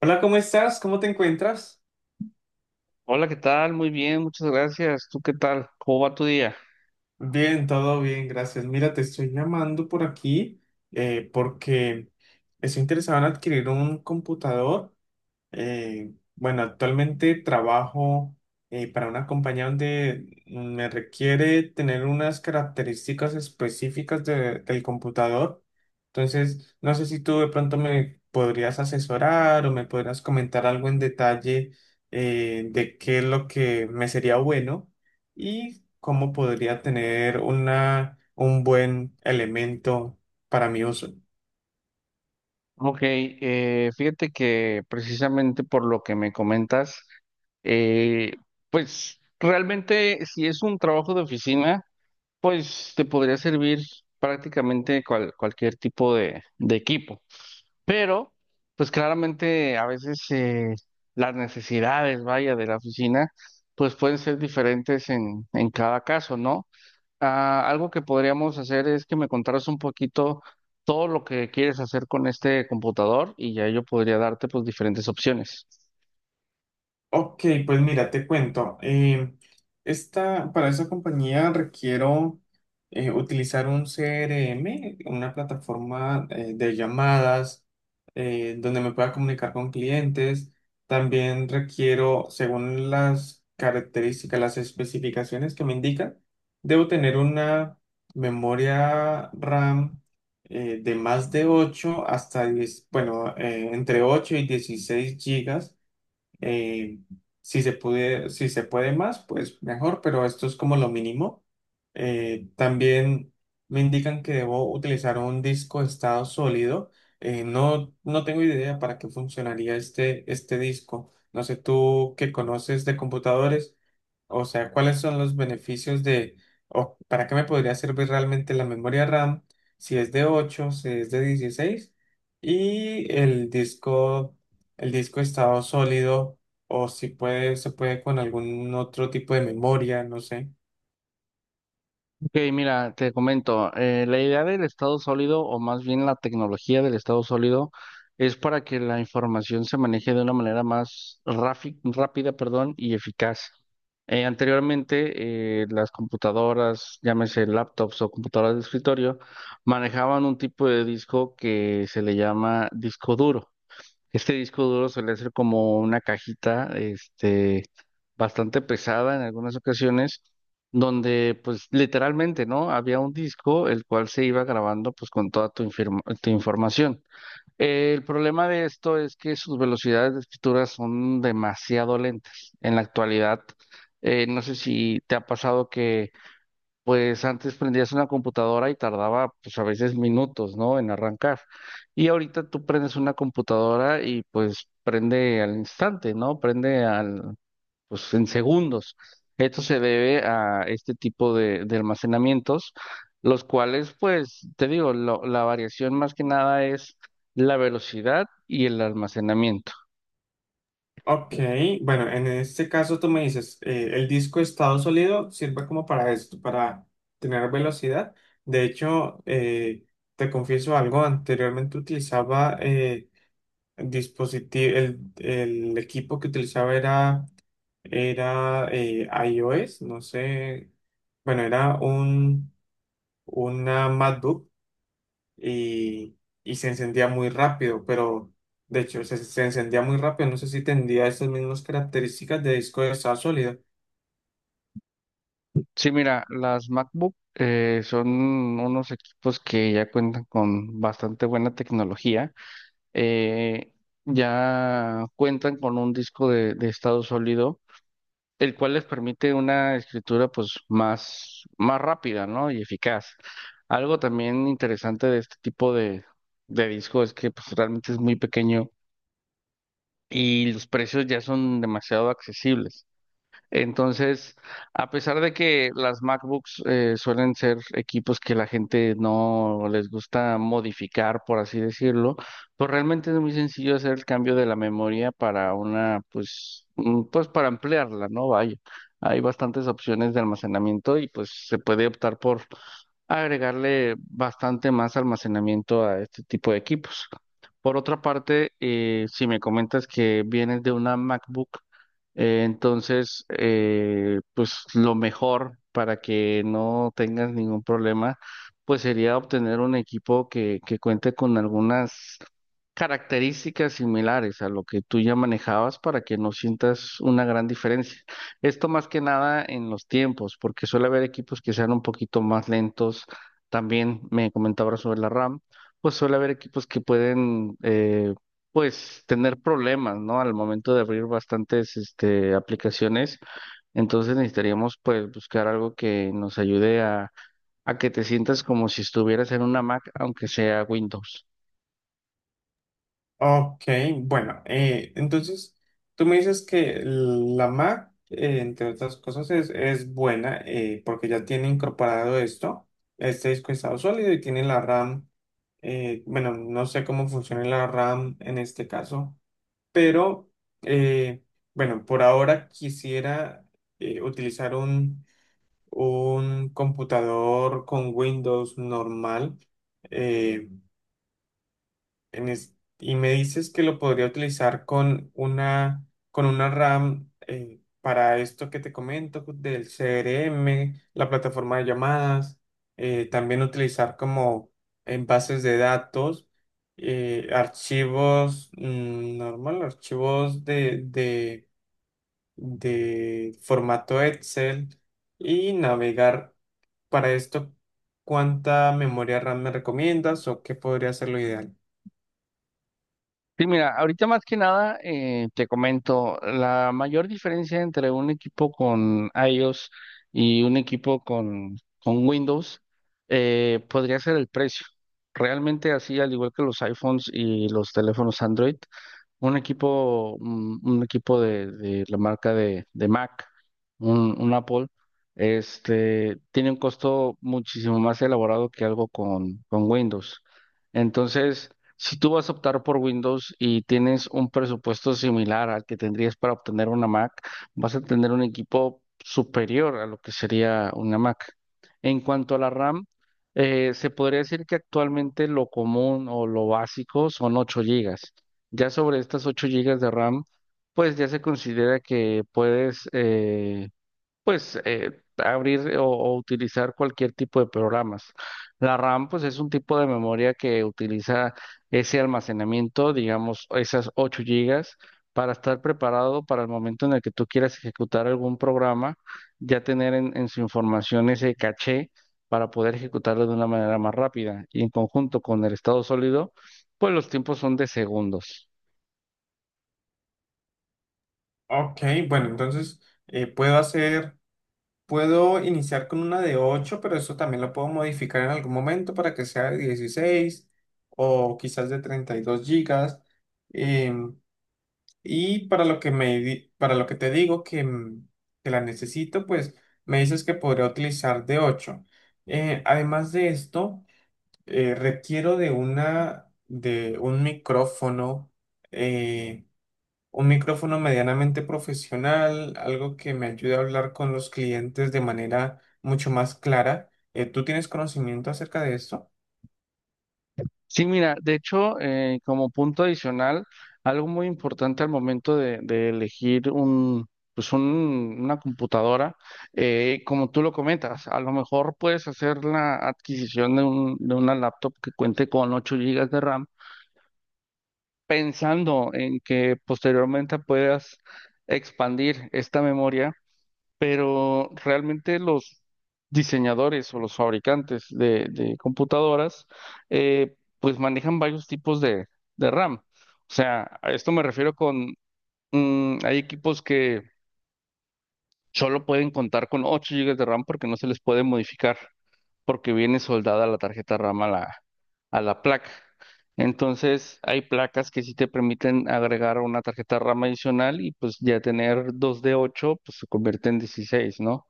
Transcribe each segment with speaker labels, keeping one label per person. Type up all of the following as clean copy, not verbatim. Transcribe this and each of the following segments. Speaker 1: Hola, ¿cómo estás? ¿Cómo te encuentras?
Speaker 2: Hola, ¿qué tal? Muy bien, muchas gracias. ¿Tú qué tal? ¿Cómo va tu día?
Speaker 1: Bien, todo bien, gracias. Mira, te estoy llamando por aquí porque estoy interesado en adquirir un computador. Bueno, Actualmente trabajo para una compañía donde me requiere tener unas características específicas del computador. Entonces, no sé si tú de pronto me podrías asesorar o me podrías comentar algo en detalle de qué es lo que me sería bueno y cómo podría tener un buen elemento para mi uso.
Speaker 2: Ok, fíjate que precisamente por lo que me comentas, eh, pues realmente si es un trabajo de oficina, pues te podría servir prácticamente cualquier tipo de equipo. Pero, pues claramente a veces las necesidades, vaya, de la oficina, pues pueden ser diferentes en cada caso, ¿no? Ah, algo que podríamos hacer es que me contaras un poquito todo lo que quieres hacer con este computador y ya yo podría darte pues diferentes opciones.
Speaker 1: Ok, pues mira, te cuento. Esta, para esa compañía requiero utilizar un CRM, una plataforma de llamadas donde me pueda comunicar con clientes. También requiero, según las características, las especificaciones que me indican, debo tener una memoria RAM de más de 8 hasta 10, bueno, entre 8 y 16 gigas eh, si se puede, si se puede más, pues mejor, pero esto es como lo mínimo. También me indican que debo utilizar un disco de estado sólido. No, no tengo idea para qué funcionaría este disco. No sé tú qué conoces de computadores, o sea, ¿cuáles son los beneficios de, o para qué me podría servir realmente la memoria RAM si es de 8 si es de 16 y el disco estado sólido o si puede, se puede con algún otro tipo de memoria, no sé.
Speaker 2: Ok, mira, te comento, la idea del estado sólido, o más bien la tecnología del estado sólido, es para que la información se maneje de una manera más rápida, perdón, y eficaz. Anteriormente, las computadoras, llámese laptops o computadoras de escritorio, manejaban un tipo de disco que se le llama disco duro. Este disco duro suele ser como una cajita, este, bastante pesada en algunas ocasiones, donde pues literalmente, ¿no? Había un disco el cual se iba grabando pues con toda tu información. El problema de esto es que sus velocidades de escritura son demasiado lentas. En la actualidad, no sé si te ha pasado que pues antes prendías una computadora y tardaba pues a veces minutos, ¿no? En arrancar. Y ahorita tú prendes una computadora y pues prende al instante, ¿no? Prende al, pues en segundos. Esto se debe a este tipo de almacenamientos, los cuales pues te digo, la variación más que nada es la velocidad y el almacenamiento.
Speaker 1: Ok, bueno, en este caso tú me dices, el disco estado sólido sirve como para esto, para tener velocidad. De hecho, te confieso algo, anteriormente utilizaba... dispositivo, el equipo que utilizaba era iOS, no sé, bueno, era un, una MacBook y, y se encendía muy rápido, pero de hecho se encendía muy rápido, no sé si tendría esas mismas características de disco de estado sólido.
Speaker 2: Sí, mira, las MacBook son unos equipos que ya cuentan con bastante buena tecnología, eh, ya cuentan con un disco de estado sólido, el cual les permite una escritura pues más, más rápida, ¿no? Y eficaz. Algo también interesante de este tipo de disco es que pues realmente es muy pequeño y los precios ya son demasiado accesibles. Entonces, a pesar de que las MacBooks suelen ser equipos que la gente no les gusta modificar, por así decirlo, pues realmente es muy sencillo hacer el cambio de la memoria para una, pues, pues para ampliarla, ¿no? Vaya, hay bastantes opciones de almacenamiento y pues se puede optar por agregarle bastante más almacenamiento a este tipo de equipos. Por otra parte, si me comentas que vienes de una MacBook, entonces, pues lo mejor para que no tengas ningún problema, pues sería obtener un equipo que cuente con algunas características similares a lo que tú ya manejabas para que no sientas una gran diferencia. Esto más que nada en los tiempos, porque suele haber equipos que sean un poquito más lentos. También me comentaba sobre la RAM, pues suele haber equipos que pueden, pues, tener problemas, ¿no? Al momento de abrir bastantes, este, aplicaciones. Entonces necesitaríamos, pues, buscar algo que nos ayude a que te sientas como si estuvieras en una Mac, aunque sea Windows.
Speaker 1: Ok, bueno, entonces tú me dices que la Mac, entre otras cosas, es buena porque ya tiene incorporado esto, este disco de estado sólido y tiene la RAM, bueno, no sé cómo funciona la RAM en este caso, pero eh, bueno, por ahora quisiera utilizar un computador con Windows normal. eh, y me dices que lo podría utilizar con una RAM para esto que te comento del CRM, la plataforma de llamadas, también utilizar como en bases de datos, archivos normal, archivos de formato Excel y navegar para esto. ¿Cuánta memoria RAM me recomiendas o qué podría ser lo ideal?
Speaker 2: Sí, mira, ahorita más que nada te comento, la mayor diferencia entre un equipo con iOS y un equipo con Windows podría ser el precio. Realmente así, al igual que los iPhones y los teléfonos Android, un equipo de la marca de Mac, un Apple, este, tiene un costo muchísimo más elaborado que algo con Windows. Entonces, si tú vas a optar por Windows y tienes un presupuesto similar al que tendrías para obtener una Mac, vas a tener un equipo superior a lo que sería una Mac. En cuanto a la RAM, se podría decir que actualmente lo común o lo básico son 8 GB. Ya sobre estas 8 GB de RAM, pues ya se considera que puedes, pues abrir o utilizar cualquier tipo de programas. La RAM, pues es un tipo de memoria que utiliza ese almacenamiento, digamos, esas 8 GB, para estar preparado para el momento en el que tú quieras ejecutar algún programa, ya tener en su información ese caché para poder ejecutarlo de una manera más rápida. Y en conjunto con el estado sólido, pues los tiempos son de segundos.
Speaker 1: Ok, bueno, entonces eh, puedo hacer, puedo iniciar con una de 8, pero eso también lo puedo modificar en algún momento para que sea de 16 o quizás de 32 gigas. Em, y para lo que para lo que te digo que, que la necesito, pues me dices que podría utilizar de 8. Además de esto, requiero de de eh, un micrófono medianamente profesional, algo que me ayude a hablar con los clientes de manera mucho más clara. ¿Tú tienes conocimiento acerca de esto?
Speaker 2: Sí, mira, de hecho, como punto adicional, algo muy importante al momento de elegir pues una computadora, como tú lo comentas, a lo mejor puedes hacer la adquisición de de una laptop que cuente con 8 GB de RAM, pensando en que posteriormente puedas expandir esta memoria, pero realmente los diseñadores o los fabricantes de computadoras, pues manejan varios tipos de RAM. O sea, a esto me refiero con, hay equipos que solo pueden contar con 8 GB de RAM porque no se les puede modificar, porque viene soldada la tarjeta RAM a la placa. Entonces, hay placas que sí te permiten agregar una tarjeta RAM adicional y pues ya tener 2 de 8 pues se convierte en 16, ¿no?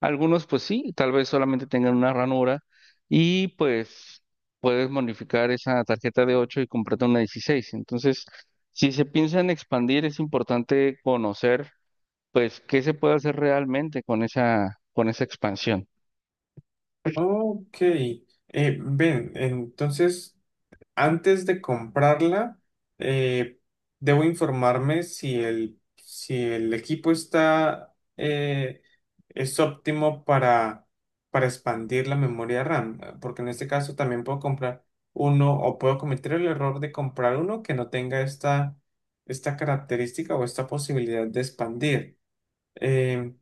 Speaker 2: Algunos, pues sí, tal vez solamente tengan una ranura y pues puedes modificar esa tarjeta de 8 y comprarte una 16. Entonces, si se piensa en expandir, es importante conocer, pues, qué se puede hacer realmente con esa expansión.
Speaker 1: Ok, ven, entonces antes de comprarla, eh, debo informarme si si el equipo está, es óptimo para expandir la memoria RAM, porque en este caso también puedo comprar uno o puedo cometer el error de comprar uno que no tenga esta, esta característica o esta posibilidad de expandir. Eh,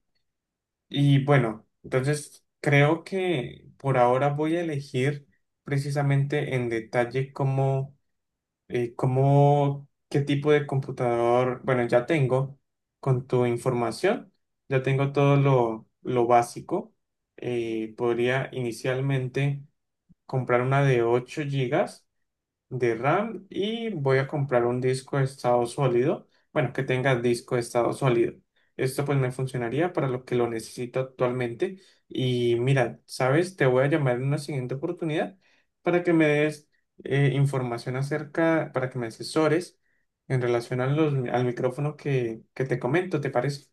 Speaker 1: y bueno, entonces creo que por ahora voy a elegir precisamente en detalle ¿cómo, qué tipo de computador? Bueno, ya tengo con tu información, ya tengo todo lo básico. Podría inicialmente comprar una de 8 gigas de RAM y voy a comprar un disco de estado sólido, bueno, que tenga disco de estado sólido. Esto pues me funcionaría para lo que lo necesito actualmente. Y mira, sabes, te voy a llamar en una siguiente oportunidad para que me des información acerca, para que me asesores en relación a los, al micrófono que te comento, ¿te parece?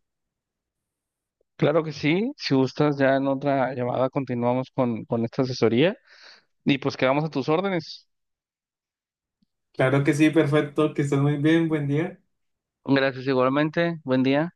Speaker 2: Claro que sí, si gustas, ya en otra llamada continuamos con esta asesoría y pues quedamos a tus órdenes.
Speaker 1: Claro que sí, perfecto, que estés muy bien, buen día.
Speaker 2: Gracias igualmente, buen día.